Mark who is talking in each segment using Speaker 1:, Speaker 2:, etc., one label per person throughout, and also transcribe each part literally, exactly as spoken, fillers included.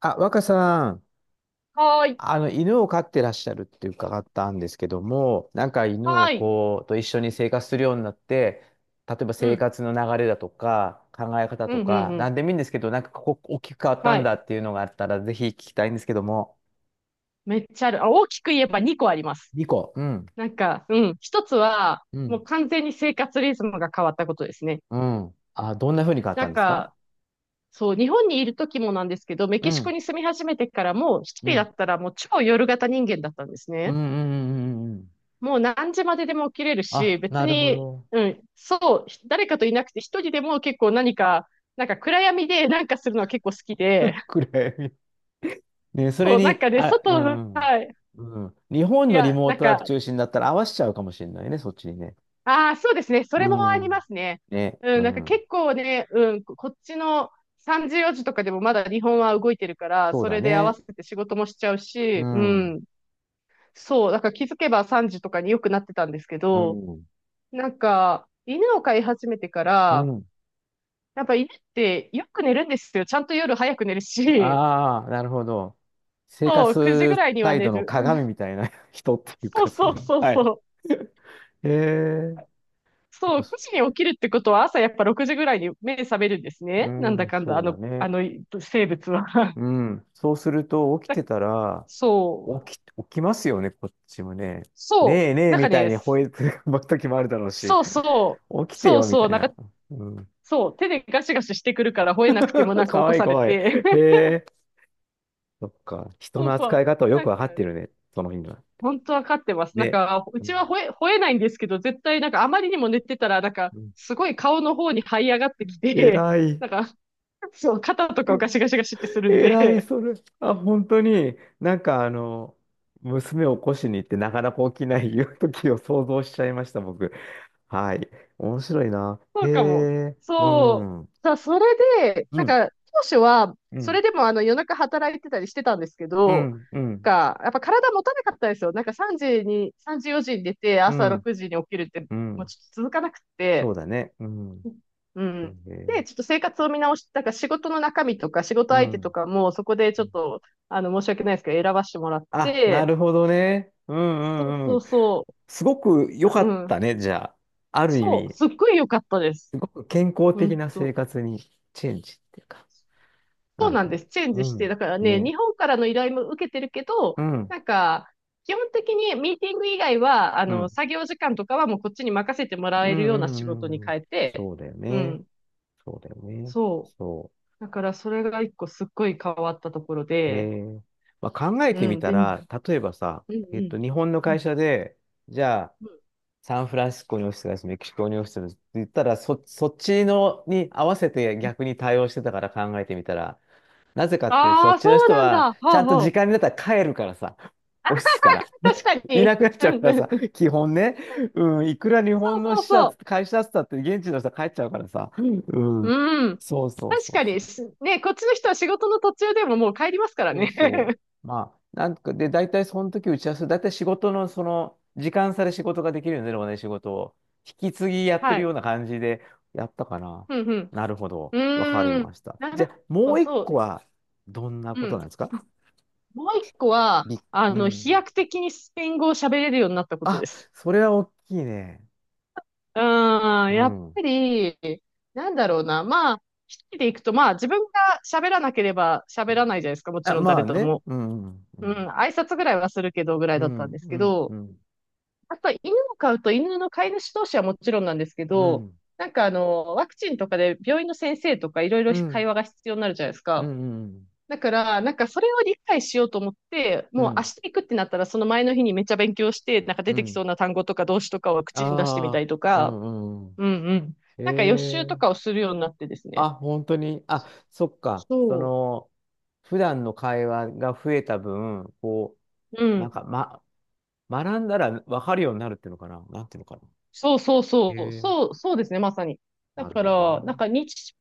Speaker 1: あ、若さん、
Speaker 2: はーい。
Speaker 1: あの、犬を飼ってらっしゃるって伺ったんですけども、なんか犬を
Speaker 2: はーい。
Speaker 1: こう、と一緒に生活するようになって、例えば
Speaker 2: う
Speaker 1: 生
Speaker 2: ん。
Speaker 1: 活の流れだとか、考え方
Speaker 2: うん、
Speaker 1: と
Speaker 2: うん、
Speaker 1: か、
Speaker 2: う
Speaker 1: な
Speaker 2: ん。
Speaker 1: んでもいいんですけど、なんかここ大きく変わった
Speaker 2: は
Speaker 1: ん
Speaker 2: い。
Speaker 1: だっていうのがあったら、ぜひ聞きたいんですけども。
Speaker 2: めっちゃある。あ、大きく言えばにこあります。
Speaker 1: にこ。うん。
Speaker 2: なんか、うん。一つは、
Speaker 1: う
Speaker 2: も
Speaker 1: ん。
Speaker 2: う完全に生活リズムが変わったことですね。
Speaker 1: うん。あ、どんな風に変わっ
Speaker 2: な
Speaker 1: たん
Speaker 2: ん
Speaker 1: ですか？
Speaker 2: か、そう、日本にいる時もなんですけど、メ
Speaker 1: う
Speaker 2: キシコ
Speaker 1: ん。
Speaker 2: に住み始めてからも、一
Speaker 1: う
Speaker 2: 人だ
Speaker 1: ん。
Speaker 2: ったらもう超夜型人間だったんです
Speaker 1: うん
Speaker 2: ね。
Speaker 1: うんうんうんうん。
Speaker 2: もう何時まででも起きれるし、
Speaker 1: あ、
Speaker 2: 別
Speaker 1: なるほ
Speaker 2: に、
Speaker 1: ど。
Speaker 2: うん、そう、誰かといなくて一人でも結構何か、なんか暗闇でなんかするのは結構好きで、
Speaker 1: 暗闇。ね、それ
Speaker 2: そう、なん
Speaker 1: に、
Speaker 2: かね、
Speaker 1: あ、う
Speaker 2: 外の、
Speaker 1: ん
Speaker 2: はい。
Speaker 1: うん。うん。日本
Speaker 2: い
Speaker 1: のリ
Speaker 2: や、
Speaker 1: モー
Speaker 2: なん
Speaker 1: トワーク
Speaker 2: か、
Speaker 1: 中心だったら合わせちゃうかもしれないね、そっちにね。
Speaker 2: ああ、そうですね。そ
Speaker 1: う
Speaker 2: れもありま
Speaker 1: ん。
Speaker 2: すね。
Speaker 1: ね、
Speaker 2: う
Speaker 1: う
Speaker 2: ん、なんか
Speaker 1: ん。
Speaker 2: 結構ね、うん、ここっちのさんじよじとかでもまだ日本は動いてるから、
Speaker 1: そう
Speaker 2: そ
Speaker 1: だ
Speaker 2: れで合わ
Speaker 1: ね。
Speaker 2: せて仕事もしちゃう
Speaker 1: う
Speaker 2: し、う
Speaker 1: ん。う
Speaker 2: ん。そう、だから気づけばさんじとかによくなってたんですけど、
Speaker 1: ん。
Speaker 2: なんか、犬を飼い始めてか
Speaker 1: う
Speaker 2: ら、
Speaker 1: ん。
Speaker 2: やっぱ犬ってよく寝るんですよ。ちゃんと夜早く寝るし、
Speaker 1: ああ、なるほど。生
Speaker 2: そう、くじぐ
Speaker 1: 活
Speaker 2: らいには
Speaker 1: 態
Speaker 2: 寝
Speaker 1: 度の
Speaker 2: る。
Speaker 1: 鏡みたいな 人っていう
Speaker 2: そう
Speaker 1: か、そ
Speaker 2: そ
Speaker 1: の、
Speaker 2: うそう
Speaker 1: はい。
Speaker 2: そう。
Speaker 1: へえ。そっ
Speaker 2: そ
Speaker 1: か
Speaker 2: う、9
Speaker 1: そ
Speaker 2: 時に起きるってことは朝やっぱろくじぐらいに目覚めるんです
Speaker 1: う
Speaker 2: ね。なんだ
Speaker 1: ん、
Speaker 2: かんだ、あ
Speaker 1: そうだ
Speaker 2: の、あ
Speaker 1: ね。
Speaker 2: の生物は。
Speaker 1: うん。そうすると、起き
Speaker 2: だ
Speaker 1: てたら、
Speaker 2: そう。
Speaker 1: 起き、起きますよね、こっちもね。ね
Speaker 2: そ
Speaker 1: え
Speaker 2: う。
Speaker 1: ねえ
Speaker 2: なん
Speaker 1: み
Speaker 2: か
Speaker 1: たい
Speaker 2: ね、
Speaker 1: に吠えてる時もあるだろうし、
Speaker 2: そうそう。
Speaker 1: 起きて
Speaker 2: そう
Speaker 1: よみ
Speaker 2: そう。
Speaker 1: たい
Speaker 2: なんか、
Speaker 1: な。うん。
Speaker 2: そう。手でガシガシしてくるから吠えなくてもな んか
Speaker 1: か
Speaker 2: 起
Speaker 1: わ
Speaker 2: こ
Speaker 1: いい
Speaker 2: さ
Speaker 1: か
Speaker 2: れ
Speaker 1: わいい。
Speaker 2: て。
Speaker 1: へえ。そっか。人
Speaker 2: そう
Speaker 1: の
Speaker 2: そ
Speaker 1: 扱い
Speaker 2: う。
Speaker 1: 方をよ
Speaker 2: な
Speaker 1: く
Speaker 2: ん
Speaker 1: わか
Speaker 2: か
Speaker 1: って
Speaker 2: ね、
Speaker 1: るね、その日には。
Speaker 2: 本当わかってます。なん
Speaker 1: ね。
Speaker 2: か、う
Speaker 1: う
Speaker 2: ち
Speaker 1: ん。
Speaker 2: は吠え、吠えないんですけど、絶対なんかあまりにも寝てたら、なんか、
Speaker 1: うん
Speaker 2: すごい顔の方に這い上がってき
Speaker 1: 偉
Speaker 2: て、
Speaker 1: い。
Speaker 2: なんか、そう、肩とかをガシガシガシってするん
Speaker 1: 偉い、
Speaker 2: で、
Speaker 1: それ。あ、本当に、なんかあの、娘を起こしに行ってなかなか起きないいう時を想像しちゃいました、僕。はい。面白いな。
Speaker 2: そ
Speaker 1: へ
Speaker 2: うかも。
Speaker 1: え。う
Speaker 2: そう。
Speaker 1: ん。う
Speaker 2: さ、それで、なん
Speaker 1: ん。
Speaker 2: か、当初は、
Speaker 1: う
Speaker 2: それ
Speaker 1: ん。
Speaker 2: でもあの夜中働いてたりしてたんですけ
Speaker 1: う
Speaker 2: ど、
Speaker 1: ん、うん、
Speaker 2: か、やっぱ体持たなかったですよ。なんか3時に、さんじよじに出て、
Speaker 1: う
Speaker 2: 朝
Speaker 1: ん、
Speaker 2: ろくじに起きるって、
Speaker 1: う
Speaker 2: もう
Speaker 1: ん。
Speaker 2: ちょっと続かなく
Speaker 1: そう
Speaker 2: て、
Speaker 1: だね。うん。
Speaker 2: う
Speaker 1: え
Speaker 2: ん。
Speaker 1: ー
Speaker 2: で、ちょっと生活を見直して、なんか仕事の中身とか仕事
Speaker 1: う
Speaker 2: 相
Speaker 1: ん。
Speaker 2: 手とかも、そこで
Speaker 1: う
Speaker 2: ちょっ
Speaker 1: ん
Speaker 2: と、あの、申し訳ないですけど、選ばしてもらっ
Speaker 1: あ、な
Speaker 2: て、
Speaker 1: るほどね。うん
Speaker 2: そう
Speaker 1: うんう
Speaker 2: そう
Speaker 1: ん。
Speaker 2: そ
Speaker 1: すごく
Speaker 2: う、
Speaker 1: 良か
Speaker 2: う
Speaker 1: った
Speaker 2: ん。
Speaker 1: ね、じゃあ。ある意
Speaker 2: そう、
Speaker 1: 味、
Speaker 2: すっごい良かったです。
Speaker 1: すごく健康的
Speaker 2: 本
Speaker 1: な生
Speaker 2: 当
Speaker 1: 活にチェンジっていうか。
Speaker 2: そ
Speaker 1: な
Speaker 2: う
Speaker 1: る
Speaker 2: なん
Speaker 1: ほ
Speaker 2: で
Speaker 1: ど。
Speaker 2: す。チェン
Speaker 1: う
Speaker 2: ジして、
Speaker 1: ん。
Speaker 2: だからね、
Speaker 1: ね。
Speaker 2: 日本からの依頼も受けてるけど、
Speaker 1: うん。
Speaker 2: なんか、基本的にミーティング以外は、あ
Speaker 1: う
Speaker 2: の、
Speaker 1: ん。
Speaker 2: 作業時間とかはもうこっちに任せてもら
Speaker 1: う
Speaker 2: え
Speaker 1: ん
Speaker 2: るよ
Speaker 1: う
Speaker 2: うな仕事に
Speaker 1: んうん。
Speaker 2: 変えて、
Speaker 1: そうだよ
Speaker 2: う
Speaker 1: ね。
Speaker 2: ん、
Speaker 1: そうだよね。
Speaker 2: そう。
Speaker 1: そ
Speaker 2: だからそれが一個すっごい変わったところ
Speaker 1: う。
Speaker 2: で、
Speaker 1: えーまあ、考え
Speaker 2: う
Speaker 1: てみ
Speaker 2: ん、
Speaker 1: た
Speaker 2: で、うん
Speaker 1: ら、例えばさ、
Speaker 2: う
Speaker 1: えっ
Speaker 2: ん、
Speaker 1: と、日本の
Speaker 2: う
Speaker 1: 会
Speaker 2: ん。
Speaker 1: 社で、じゃあ、サンフランシスコにオフィスがあるし、メキシコにオフィスがあるしって言ったら、そ、そっちのに合わせて逆に対応してたから考えてみたら、なぜかっていう、そ
Speaker 2: ああ
Speaker 1: っ
Speaker 2: ー、
Speaker 1: ち
Speaker 2: そ
Speaker 1: の
Speaker 2: う
Speaker 1: 人
Speaker 2: なん
Speaker 1: は、
Speaker 2: だ。
Speaker 1: ち
Speaker 2: ほう
Speaker 1: ゃんと
Speaker 2: ほ
Speaker 1: 時
Speaker 2: う。
Speaker 1: 間になったら帰るからさ、
Speaker 2: あ、
Speaker 1: オフィスから。
Speaker 2: 確 か
Speaker 1: い
Speaker 2: に。
Speaker 1: なくなっち
Speaker 2: う
Speaker 1: ゃう
Speaker 2: ん
Speaker 1: か
Speaker 2: う
Speaker 1: ら
Speaker 2: ん
Speaker 1: さ、
Speaker 2: うん。
Speaker 1: 基本ね、うん、いくら日
Speaker 2: そ
Speaker 1: 本
Speaker 2: う
Speaker 1: の
Speaker 2: そう
Speaker 1: 支社、
Speaker 2: そう。
Speaker 1: 会社だったって現地の人は帰っちゃうからさ、うん、
Speaker 2: うん。
Speaker 1: そうそう
Speaker 2: 確
Speaker 1: そう
Speaker 2: か
Speaker 1: そ
Speaker 2: に、
Speaker 1: う。
Speaker 2: しね、こっちの人は仕事の途中でももう帰りますから
Speaker 1: そう
Speaker 2: ね。
Speaker 1: そう。まあ、なんか、で、大体その時打ち合わせ、大体仕事のその、時間差で仕事ができるよね、でもね、仕事を。引き継ぎや って
Speaker 2: は
Speaker 1: るよ
Speaker 2: い。
Speaker 1: うな感じでやったかな。
Speaker 2: うん、
Speaker 1: なるほど。
Speaker 2: う
Speaker 1: わかり
Speaker 2: ん。うーん。
Speaker 1: ました。
Speaker 2: な
Speaker 1: じ
Speaker 2: る
Speaker 1: ゃあ、
Speaker 2: ほ
Speaker 1: も
Speaker 2: ど、
Speaker 1: う一
Speaker 2: そう。
Speaker 1: 個は、どんな
Speaker 2: う
Speaker 1: こと
Speaker 2: ん。
Speaker 1: なんですか？
Speaker 2: もう一個は、
Speaker 1: び、
Speaker 2: あ
Speaker 1: う
Speaker 2: の、飛
Speaker 1: ん。
Speaker 2: 躍的にスペイン語を喋れるようになったことで
Speaker 1: あ、
Speaker 2: す。
Speaker 1: それは大きいね。
Speaker 2: うん、
Speaker 1: う
Speaker 2: やっ
Speaker 1: ん。
Speaker 2: ぱり、なんだろうな。まあ、一人で行くと、まあ、自分が喋らなければ喋らないじゃないですか。もち
Speaker 1: あ、
Speaker 2: ろん
Speaker 1: ま
Speaker 2: 誰
Speaker 1: あ
Speaker 2: と
Speaker 1: ね。
Speaker 2: も。
Speaker 1: うん。う
Speaker 2: うん、
Speaker 1: ん。
Speaker 2: 挨拶ぐらいはするけど、ぐらい
Speaker 1: う
Speaker 2: だったんですけ
Speaker 1: ん。
Speaker 2: ど、
Speaker 1: うん。
Speaker 2: あと、犬を飼うと、犬の飼い主同士はもちろんなんですけ
Speaker 1: う
Speaker 2: ど、
Speaker 1: ん。
Speaker 2: なんかあの、ワクチンとかで病院の先生とかいろいろ
Speaker 1: う
Speaker 2: 会
Speaker 1: ん。
Speaker 2: 話が必要になるじゃないです
Speaker 1: うん。
Speaker 2: か。
Speaker 1: うん。
Speaker 2: だから、なんかそれを理解しようと思って、
Speaker 1: う
Speaker 2: も
Speaker 1: ん。う
Speaker 2: う明
Speaker 1: ん。
Speaker 2: 日行くってなったら、その前の日にめっちゃ勉強して、なんか出
Speaker 1: う
Speaker 2: てき
Speaker 1: ん。
Speaker 2: そうな単語とか動詞とかを口に出してみた
Speaker 1: あ
Speaker 2: りと
Speaker 1: あ。う
Speaker 2: か、
Speaker 1: ん。うん。
Speaker 2: うんうん。
Speaker 1: え
Speaker 2: なんか予習と
Speaker 1: え
Speaker 2: かをするようになってですね。
Speaker 1: あ、本当に。あ、そっか。そ
Speaker 2: そ
Speaker 1: の、普段の会話が増えた分、こ
Speaker 2: う。う
Speaker 1: う、なん
Speaker 2: ん。
Speaker 1: か、ま、学んだら分かるようになるっていうのかな。なんていうのかな。
Speaker 2: そうそうそう。
Speaker 1: ええ
Speaker 2: そう、そうですね、まさに。だ
Speaker 1: なる
Speaker 2: か
Speaker 1: ほどね。
Speaker 2: ら、なんか日、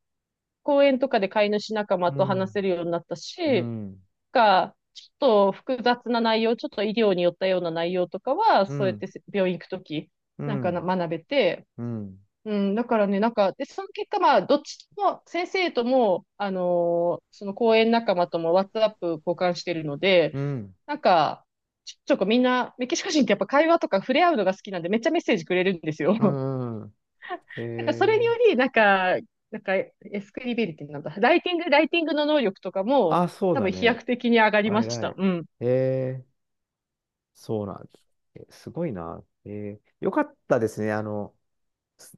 Speaker 2: 公園とかで飼い主仲間
Speaker 1: う
Speaker 2: と話
Speaker 1: ん、
Speaker 2: せるようになった
Speaker 1: う
Speaker 2: し、
Speaker 1: ん、
Speaker 2: が、ちょっと複雑な内容、ちょっと医療によったような内容とかは、
Speaker 1: う
Speaker 2: そうやっ
Speaker 1: ん、
Speaker 2: て病院行くとき、
Speaker 1: う
Speaker 2: なんかな
Speaker 1: ん、
Speaker 2: 学べて、
Speaker 1: うん、
Speaker 2: うん、だからね、なんか、で、その結果、まあ、どっちも、先生とも、あのーその講演仲間とも、ワッツアップ交換してるので、
Speaker 1: うん、
Speaker 2: なんか、ちょちょこみんな、メキシコ人ってやっぱ会話とか触れ合うのが好きなんで、めっちゃメッセージくれるんですよ。
Speaker 1: う ん、うんえ
Speaker 2: なんか、それによ
Speaker 1: え
Speaker 2: り、なんか、なんか、エスクリビリティなんだ。ライティング、ライティングの能力とかも、
Speaker 1: あ、そう
Speaker 2: 多
Speaker 1: だ
Speaker 2: 分飛
Speaker 1: ね。
Speaker 2: 躍的に上がり
Speaker 1: あ
Speaker 2: まし
Speaker 1: 偉
Speaker 2: た。
Speaker 1: い。
Speaker 2: うん。
Speaker 1: ええそうなんだ。えすごいな。ええよかったですね。あの、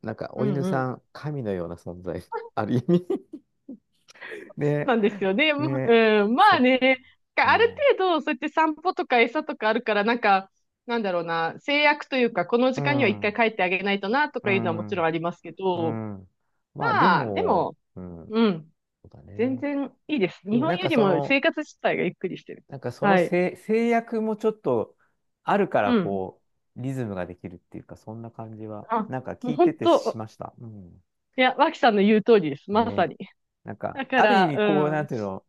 Speaker 1: なんか、
Speaker 2: う
Speaker 1: お
Speaker 2: ん
Speaker 1: 犬
Speaker 2: う
Speaker 1: さ
Speaker 2: ん。
Speaker 1: ん、神のような存在、ある意味 ね、
Speaker 2: なんですよね。もう
Speaker 1: ね、
Speaker 2: うん、まあ
Speaker 1: そ
Speaker 2: ね、
Speaker 1: う
Speaker 2: あ
Speaker 1: ん、
Speaker 2: る
Speaker 1: う
Speaker 2: 程度、そうやって散歩とか餌とかあるから、なんか、なんだろうな、制約というか、この
Speaker 1: ん、
Speaker 2: 時間には一回帰ってあげないとな、と
Speaker 1: う
Speaker 2: かいうのはもち
Speaker 1: ん、
Speaker 2: ろんありますけ
Speaker 1: う
Speaker 2: ど、
Speaker 1: ん。まあ、で
Speaker 2: まあ、で
Speaker 1: も、
Speaker 2: も、
Speaker 1: うん、
Speaker 2: うん、
Speaker 1: そうだ
Speaker 2: 全
Speaker 1: ね。
Speaker 2: 然いいです。
Speaker 1: で
Speaker 2: 日
Speaker 1: も、
Speaker 2: 本
Speaker 1: なん
Speaker 2: よ
Speaker 1: か
Speaker 2: り
Speaker 1: そ
Speaker 2: も
Speaker 1: の、
Speaker 2: 生活自体がゆっくりしてる。
Speaker 1: なんかその
Speaker 2: はい。
Speaker 1: 制、制約もちょっとあるか
Speaker 2: う
Speaker 1: ら、
Speaker 2: ん。
Speaker 1: こう、リズムができるっていうか、そんな感じは、
Speaker 2: あ、
Speaker 1: なんか
Speaker 2: もう
Speaker 1: 聞いて
Speaker 2: 本
Speaker 1: てし
Speaker 2: 当、
Speaker 1: ました。うん。
Speaker 2: いや、脇さんの言う通りです。まさ
Speaker 1: ね、
Speaker 2: に。
Speaker 1: なん
Speaker 2: だ
Speaker 1: か、
Speaker 2: か
Speaker 1: ある意
Speaker 2: ら、
Speaker 1: 味、こう、
Speaker 2: う
Speaker 1: な
Speaker 2: ん、
Speaker 1: んていうの、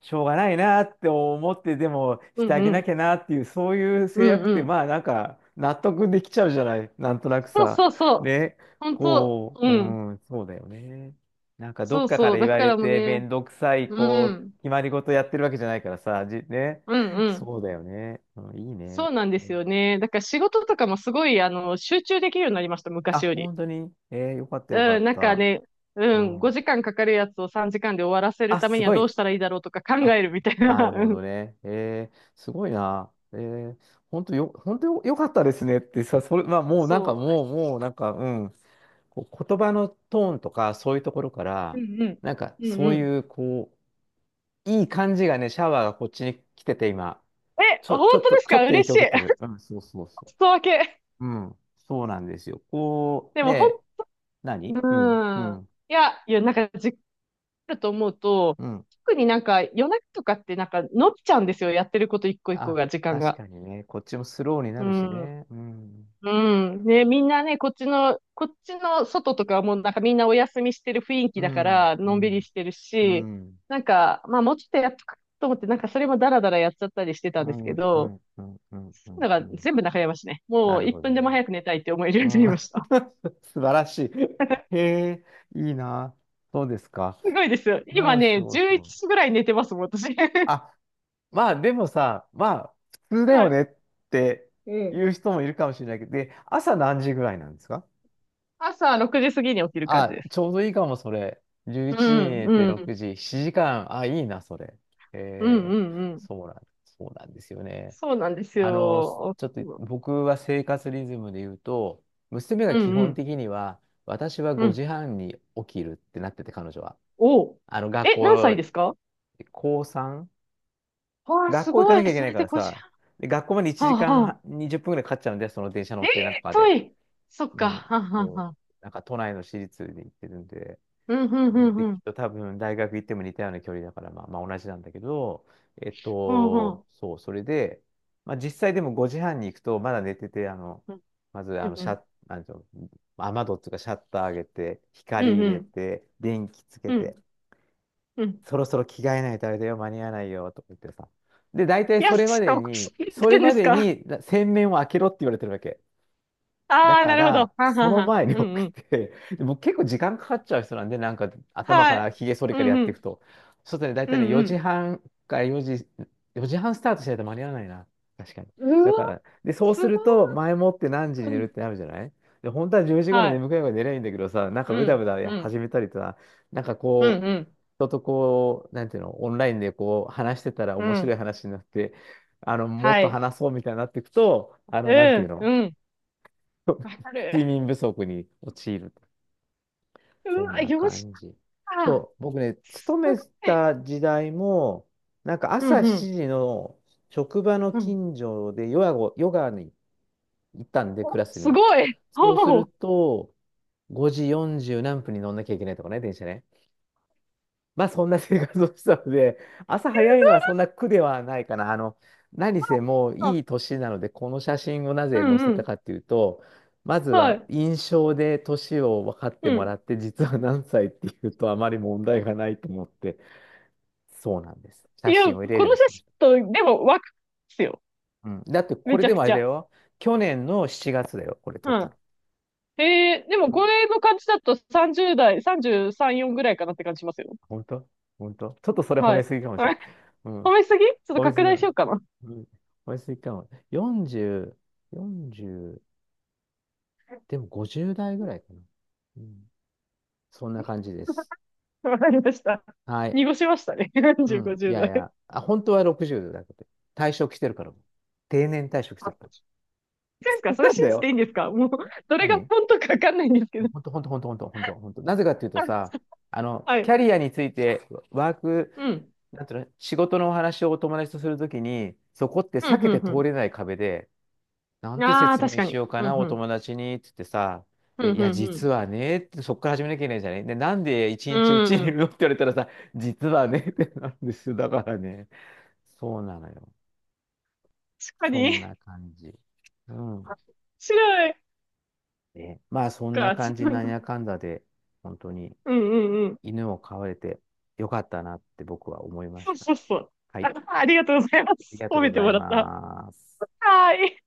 Speaker 1: しょうがないなって思ってでもし
Speaker 2: うん
Speaker 1: てあげ
Speaker 2: う
Speaker 1: な
Speaker 2: ん、
Speaker 1: きゃなっていうそういう制
Speaker 2: うん
Speaker 1: 約っ
Speaker 2: う
Speaker 1: て
Speaker 2: ん。
Speaker 1: まあなんか納得できちゃうじゃないなんとなく
Speaker 2: そう
Speaker 1: さ
Speaker 2: そうそう。
Speaker 1: ね
Speaker 2: 本当、
Speaker 1: こ
Speaker 2: う
Speaker 1: う
Speaker 2: ん。
Speaker 1: うんそうだよねなんかど
Speaker 2: そ
Speaker 1: っ
Speaker 2: う
Speaker 1: かか
Speaker 2: そ
Speaker 1: ら
Speaker 2: う。
Speaker 1: 言
Speaker 2: だ
Speaker 1: わ
Speaker 2: か
Speaker 1: れ
Speaker 2: らもう
Speaker 1: て
Speaker 2: ね、
Speaker 1: 面倒くさい
Speaker 2: う
Speaker 1: こ
Speaker 2: ん。
Speaker 1: う決まり事やってるわけじゃないからさじね
Speaker 2: うんうん。
Speaker 1: そうだよね、うん、いい
Speaker 2: そ
Speaker 1: ね
Speaker 2: うなんで
Speaker 1: う
Speaker 2: す
Speaker 1: ん
Speaker 2: よね。だから仕事とかもすごい、あの、集中できるようになりました、
Speaker 1: あ
Speaker 2: 昔より。
Speaker 1: 本当にえー、よかったよか
Speaker 2: う
Speaker 1: っ
Speaker 2: ん、なんか
Speaker 1: た
Speaker 2: ね、
Speaker 1: う
Speaker 2: うん、
Speaker 1: ん
Speaker 2: ごじかんかかるやつをさんじかんで終わらせる
Speaker 1: あ
Speaker 2: ため
Speaker 1: す
Speaker 2: には
Speaker 1: ご
Speaker 2: どう
Speaker 1: い
Speaker 2: したらいいだろうとか考
Speaker 1: あ
Speaker 2: えるみたいな。
Speaker 1: なる
Speaker 2: う
Speaker 1: ほ
Speaker 2: ん、
Speaker 1: どね。えー、すごいな。えー、本当よ、本当よ、よかったですねってさ、それ、まあ、もうな
Speaker 2: そ
Speaker 1: んか、もう、もうなんか、うん。こう言葉のトーンとか、そういうところか
Speaker 2: う。
Speaker 1: ら、
Speaker 2: うんうん。
Speaker 1: なんか、
Speaker 2: うん
Speaker 1: そ
Speaker 2: う
Speaker 1: う
Speaker 2: ん。
Speaker 1: いう、こう、いい感じがね、シャワーがこっちに来てて、今。
Speaker 2: え、
Speaker 1: ちょ、
Speaker 2: 本
Speaker 1: ちょっ
Speaker 2: 当
Speaker 1: と、
Speaker 2: です
Speaker 1: ちょ
Speaker 2: か
Speaker 1: っと影
Speaker 2: 嬉
Speaker 1: 響
Speaker 2: し
Speaker 1: を
Speaker 2: い。
Speaker 1: 受けてる。うん、そうそうそ
Speaker 2: 外分け。
Speaker 1: う。うん、そうなんですよ。こ
Speaker 2: で
Speaker 1: う、
Speaker 2: もほ
Speaker 1: ね、
Speaker 2: ん、
Speaker 1: 何うん、う
Speaker 2: うん。
Speaker 1: ん、
Speaker 2: いや、いや、なんかじっくりだと思うと、
Speaker 1: うん。
Speaker 2: 特になんか夜中とかってなんか伸びちゃうんですよ。やってること一個一個
Speaker 1: あ、
Speaker 2: が、時間
Speaker 1: 確
Speaker 2: が。
Speaker 1: かにね、こっちもスローにな
Speaker 2: う
Speaker 1: るし
Speaker 2: ん。
Speaker 1: ね。うん、
Speaker 2: うん。ね、みんなね、こっちの、こっちの外とかはもうなんかみんなお休みしてる雰囲気
Speaker 1: う
Speaker 2: だか
Speaker 1: ん、
Speaker 2: ら、
Speaker 1: う
Speaker 2: のんびり
Speaker 1: ん。
Speaker 2: してる
Speaker 1: う
Speaker 2: し、
Speaker 1: ん。
Speaker 2: なんか、まあもうちょっとやっとくと思って、なんかそれもダラダラやっちゃったりしてたん
Speaker 1: う
Speaker 2: です
Speaker 1: ん。
Speaker 2: け
Speaker 1: う
Speaker 2: ど、
Speaker 1: ん。うん。うん。うん。
Speaker 2: だか
Speaker 1: う
Speaker 2: ら
Speaker 1: ん
Speaker 2: 全部中山市ね。も
Speaker 1: な
Speaker 2: う
Speaker 1: る
Speaker 2: 1
Speaker 1: ほど
Speaker 2: 分でも
Speaker 1: ね。
Speaker 2: 早く寝たいって思えるよ
Speaker 1: う
Speaker 2: うになり
Speaker 1: ん。
Speaker 2: ました。
Speaker 1: 素晴らしい。へえ、いいな。そうですか。
Speaker 2: すごいですよ。
Speaker 1: う
Speaker 2: 今
Speaker 1: ん、す
Speaker 2: ね、
Speaker 1: ごいす
Speaker 2: 11
Speaker 1: ごい。
Speaker 2: 時ぐらい寝てますもん、私。
Speaker 1: あ、まあでもさ、まあ、普通だ
Speaker 2: は
Speaker 1: よ
Speaker 2: い。
Speaker 1: ねって
Speaker 2: うん。
Speaker 1: 言う人もいるかもしれないけど、で、朝何時ぐらいなんですか？
Speaker 2: 朝ろくじ過ぎに起きる感じ
Speaker 1: あ、
Speaker 2: です。
Speaker 1: ちょうどいいかも、それ。11
Speaker 2: う
Speaker 1: 時に
Speaker 2: ん、
Speaker 1: 寝
Speaker 2: う
Speaker 1: て
Speaker 2: ん、
Speaker 1: ろくじ、しちじかん。あ、いいな、それ。
Speaker 2: うん、う
Speaker 1: へ
Speaker 2: ん、うん。
Speaker 1: そうなん、そうなんですよね。
Speaker 2: そうなんです
Speaker 1: あの、ち
Speaker 2: よ。
Speaker 1: ょっと
Speaker 2: うん、
Speaker 1: 僕は生活リズムで言うと、娘
Speaker 2: う
Speaker 1: が基本
Speaker 2: ん、
Speaker 1: 的には、私は
Speaker 2: うん。
Speaker 1: ごじはんに起きるってなってて、彼女は。
Speaker 2: お、
Speaker 1: あの、学
Speaker 2: え、何歳
Speaker 1: 校、
Speaker 2: ですか
Speaker 1: 高さん、
Speaker 2: わあ、
Speaker 1: 学
Speaker 2: す
Speaker 1: 校行か
Speaker 2: ご
Speaker 1: なき
Speaker 2: い。
Speaker 1: ゃいけ
Speaker 2: そ
Speaker 1: ない
Speaker 2: れ
Speaker 1: か
Speaker 2: で
Speaker 1: らさ、で、学校まで
Speaker 2: ごじゅう。
Speaker 1: 1
Speaker 2: はあ、はあ。
Speaker 1: 時間にじゅっぷんぐらいかかっちゃうんで、その電車乗
Speaker 2: え
Speaker 1: ってなんと
Speaker 2: え
Speaker 1: か
Speaker 2: 遠
Speaker 1: で。
Speaker 2: い。そっ
Speaker 1: う
Speaker 2: か。
Speaker 1: ん。
Speaker 2: はあ、はあ、
Speaker 1: こ
Speaker 2: はあ。
Speaker 1: う、なんか都内の私立に行ってるんで、
Speaker 2: うん、うん、う
Speaker 1: うん
Speaker 2: ん、
Speaker 1: で、
Speaker 2: う
Speaker 1: き
Speaker 2: ん。
Speaker 1: っと多分大学行っても似たような距離だから、まあ、まあ同じなんだけど、えっ
Speaker 2: うん、う
Speaker 1: と、
Speaker 2: ん。
Speaker 1: そう、それで、まあ実際でもごじはんに行くと、まだ寝てて、あの、まず、
Speaker 2: う
Speaker 1: あの、
Speaker 2: ん、う
Speaker 1: シャ
Speaker 2: ん。
Speaker 1: ッ、なんていうの、雨戸っていうかシャッター上げて、
Speaker 2: う
Speaker 1: 光
Speaker 2: ん、
Speaker 1: 入
Speaker 2: う
Speaker 1: れ
Speaker 2: ん。
Speaker 1: て、電気つけ
Speaker 2: うん、
Speaker 1: て、
Speaker 2: うん。
Speaker 1: そろそろ着替えないとあれだよ、間に合わないよ、とか言ってさ。で、大
Speaker 2: い
Speaker 1: 体
Speaker 2: や、
Speaker 1: それま
Speaker 2: ちょっ
Speaker 1: で
Speaker 2: とおかし
Speaker 1: に、
Speaker 2: いって
Speaker 1: そ
Speaker 2: 言
Speaker 1: れ
Speaker 2: うんで
Speaker 1: ま
Speaker 2: す
Speaker 1: で
Speaker 2: か
Speaker 1: にな洗面を開けろって言われてるわけ。だ
Speaker 2: ああー、
Speaker 1: か
Speaker 2: なるほど。は
Speaker 1: ら、
Speaker 2: あ、は
Speaker 1: そ
Speaker 2: あ、
Speaker 1: の
Speaker 2: はあ。
Speaker 1: 前に
Speaker 2: う
Speaker 1: 起
Speaker 2: ん、う
Speaker 1: き
Speaker 2: ん。
Speaker 1: て、でう結構時間かかっちゃう人なんで、なんか頭か
Speaker 2: は
Speaker 1: ら
Speaker 2: い。
Speaker 1: ひげ剃り
Speaker 2: う
Speaker 1: から
Speaker 2: ん、
Speaker 1: やっ
Speaker 2: う
Speaker 1: ていく
Speaker 2: ん。
Speaker 1: と。ちょっとね、大
Speaker 2: う
Speaker 1: 体ね、4
Speaker 2: ん、
Speaker 1: 時半か4時、よじはんスタートしないと間に合わないな。確かに。
Speaker 2: うん。う
Speaker 1: だか
Speaker 2: わ、
Speaker 1: ら、で、そう
Speaker 2: す
Speaker 1: す
Speaker 2: ご
Speaker 1: ると、
Speaker 2: い。
Speaker 1: 前もって何時に
Speaker 2: う
Speaker 1: 寝る
Speaker 2: ん。
Speaker 1: ってなるじゃない？で、本当はじゅうじ頃
Speaker 2: はい。
Speaker 1: 眠くなるから寝ればいいんだけどさ、なんか
Speaker 2: う
Speaker 1: ブダブ
Speaker 2: ん、
Speaker 1: ダ
Speaker 2: うん、
Speaker 1: 始めたりとか、なんか
Speaker 2: う
Speaker 1: こ
Speaker 2: ん、
Speaker 1: う、
Speaker 2: うん、
Speaker 1: 人とこう、なんていうの、オンラインでこう、話してたら
Speaker 2: う
Speaker 1: 面白
Speaker 2: ん。
Speaker 1: い話になって、あの、もっ
Speaker 2: は
Speaker 1: と
Speaker 2: い。
Speaker 1: 話そうみたいになっていくと、あ
Speaker 2: う
Speaker 1: の、なんていう
Speaker 2: ん、
Speaker 1: の、
Speaker 2: うん。わか る。
Speaker 1: 睡眠不足に陥る。
Speaker 2: う
Speaker 1: そん
Speaker 2: わ、
Speaker 1: な
Speaker 2: よっし
Speaker 1: 感じ。
Speaker 2: ゃ。
Speaker 1: そう、僕ね、
Speaker 2: す
Speaker 1: 勤
Speaker 2: ごい。
Speaker 1: めた時代も、なんか
Speaker 2: うん
Speaker 1: 朝
Speaker 2: うん。
Speaker 1: しちじの職場の
Speaker 2: うん。
Speaker 1: 近所でヨガを、ヨガに行ったんで、ク
Speaker 2: お、
Speaker 1: ラス
Speaker 2: す
Speaker 1: に。
Speaker 2: ごい。
Speaker 1: そうす
Speaker 2: お
Speaker 1: る
Speaker 2: お。
Speaker 1: と、ごじよんじゅう何分に乗んなきゃいけないとかね、電車ね。まあそんな生活をしてたので、朝早いのはそんな苦ではないかな。あの、何せもう
Speaker 2: あ
Speaker 1: いい年なので、この写真をな
Speaker 2: う
Speaker 1: ぜ
Speaker 2: ん
Speaker 1: 載せ
Speaker 2: う
Speaker 1: た
Speaker 2: ん。
Speaker 1: かっていうと、まず
Speaker 2: は
Speaker 1: は
Speaker 2: い。
Speaker 1: 印象で年を分かって
Speaker 2: う
Speaker 1: も
Speaker 2: ん。
Speaker 1: らって、実は何歳っていうとあまり問題がないと思って、そうなんです。
Speaker 2: い
Speaker 1: 写
Speaker 2: や、
Speaker 1: 真を入れる
Speaker 2: こ
Speaker 1: よ
Speaker 2: の
Speaker 1: うに
Speaker 2: 写
Speaker 1: しま
Speaker 2: 真
Speaker 1: した。
Speaker 2: と、でも、若いですよ。
Speaker 1: うん。だってこ
Speaker 2: め
Speaker 1: れ
Speaker 2: ちゃ
Speaker 1: で
Speaker 2: く
Speaker 1: もあれ
Speaker 2: ち
Speaker 1: だ
Speaker 2: ゃ。
Speaker 1: よ。去年のしちがつだよ、これ
Speaker 2: う
Speaker 1: 撮った
Speaker 2: ん、
Speaker 1: の。
Speaker 2: えー、でも
Speaker 1: う
Speaker 2: こ
Speaker 1: ん
Speaker 2: れの感じだとさんじゅう代、さんじゅうさん、よんぐらいかなって感じしますよ。
Speaker 1: 本当本当ちょっとそれ褒
Speaker 2: は
Speaker 1: め
Speaker 2: い。
Speaker 1: すぎかも
Speaker 2: あ
Speaker 1: しれな
Speaker 2: れ
Speaker 1: い。う
Speaker 2: 褒
Speaker 1: ん
Speaker 2: めすぎちょっと
Speaker 1: 美味し
Speaker 2: 拡
Speaker 1: い
Speaker 2: 大
Speaker 1: よ
Speaker 2: し
Speaker 1: ね。
Speaker 2: ようかな。
Speaker 1: うん美味しぎかも。よんじゅう、よんじゅう、でもごじゅう代ぐらいかな。うん、そんな感じです。
Speaker 2: わかりました。
Speaker 1: はい。
Speaker 2: 濁しましたね。
Speaker 1: う
Speaker 2: よんじゅう、
Speaker 1: ん。い
Speaker 2: ごじゅう
Speaker 1: やい
Speaker 2: 代。
Speaker 1: や、あ、本当はろくじゅうだけど、退職してるから。定年退職してるから。
Speaker 2: あ、そうで
Speaker 1: そ
Speaker 2: すか
Speaker 1: う
Speaker 2: それ
Speaker 1: なん
Speaker 2: 信
Speaker 1: だ
Speaker 2: じて
Speaker 1: よ。
Speaker 2: いいんですかもう、どれが
Speaker 1: 何
Speaker 2: 本当かわかんないんですけど。
Speaker 1: 本当、本当、本当、本当、本当、本当。なぜかっていうとさ、
Speaker 2: あ
Speaker 1: あの、
Speaker 2: は
Speaker 1: キ
Speaker 2: い。
Speaker 1: ャリアについて、ワーク、
Speaker 2: うん。
Speaker 1: なんていうの、仕事のお話をお友達とするときに、そこって
Speaker 2: う
Speaker 1: 避
Speaker 2: んう
Speaker 1: けて
Speaker 2: んう
Speaker 1: 通
Speaker 2: ん。
Speaker 1: れない壁で、なんて
Speaker 2: ああ、
Speaker 1: 説
Speaker 2: 確
Speaker 1: 明
Speaker 2: か
Speaker 1: し
Speaker 2: に。
Speaker 1: ようか
Speaker 2: う
Speaker 1: な、
Speaker 2: ん、う
Speaker 1: お
Speaker 2: ん。
Speaker 1: 友達に、っつってさ、で、
Speaker 2: う
Speaker 1: い
Speaker 2: ん、う
Speaker 1: や、実
Speaker 2: ん、
Speaker 1: はね、ってそっから始めなきゃいけないじゃない。で、なんで一
Speaker 2: う
Speaker 1: 日う
Speaker 2: ん。
Speaker 1: ちにい
Speaker 2: う
Speaker 1: る
Speaker 2: ん。
Speaker 1: のって言われたらさ、実はね、ってなるんですよ。だからね、そうなのよ。
Speaker 2: 確か
Speaker 1: そ
Speaker 2: に。
Speaker 1: んな感じ。うん。
Speaker 2: 白い
Speaker 1: で、まあ、そんな
Speaker 2: か。
Speaker 1: 感じ、なんやかんだで、本当に
Speaker 2: うん、うん、うん。
Speaker 1: 犬を飼われてよかったなって僕は思いま
Speaker 2: そ
Speaker 1: し
Speaker 2: う
Speaker 1: た。
Speaker 2: そうそう。
Speaker 1: はい。あ
Speaker 2: あ、ありがとうございま
Speaker 1: り
Speaker 2: す。
Speaker 1: がと
Speaker 2: 褒
Speaker 1: うご
Speaker 2: めて
Speaker 1: ざい
Speaker 2: もらった。
Speaker 1: ます。
Speaker 2: はーい。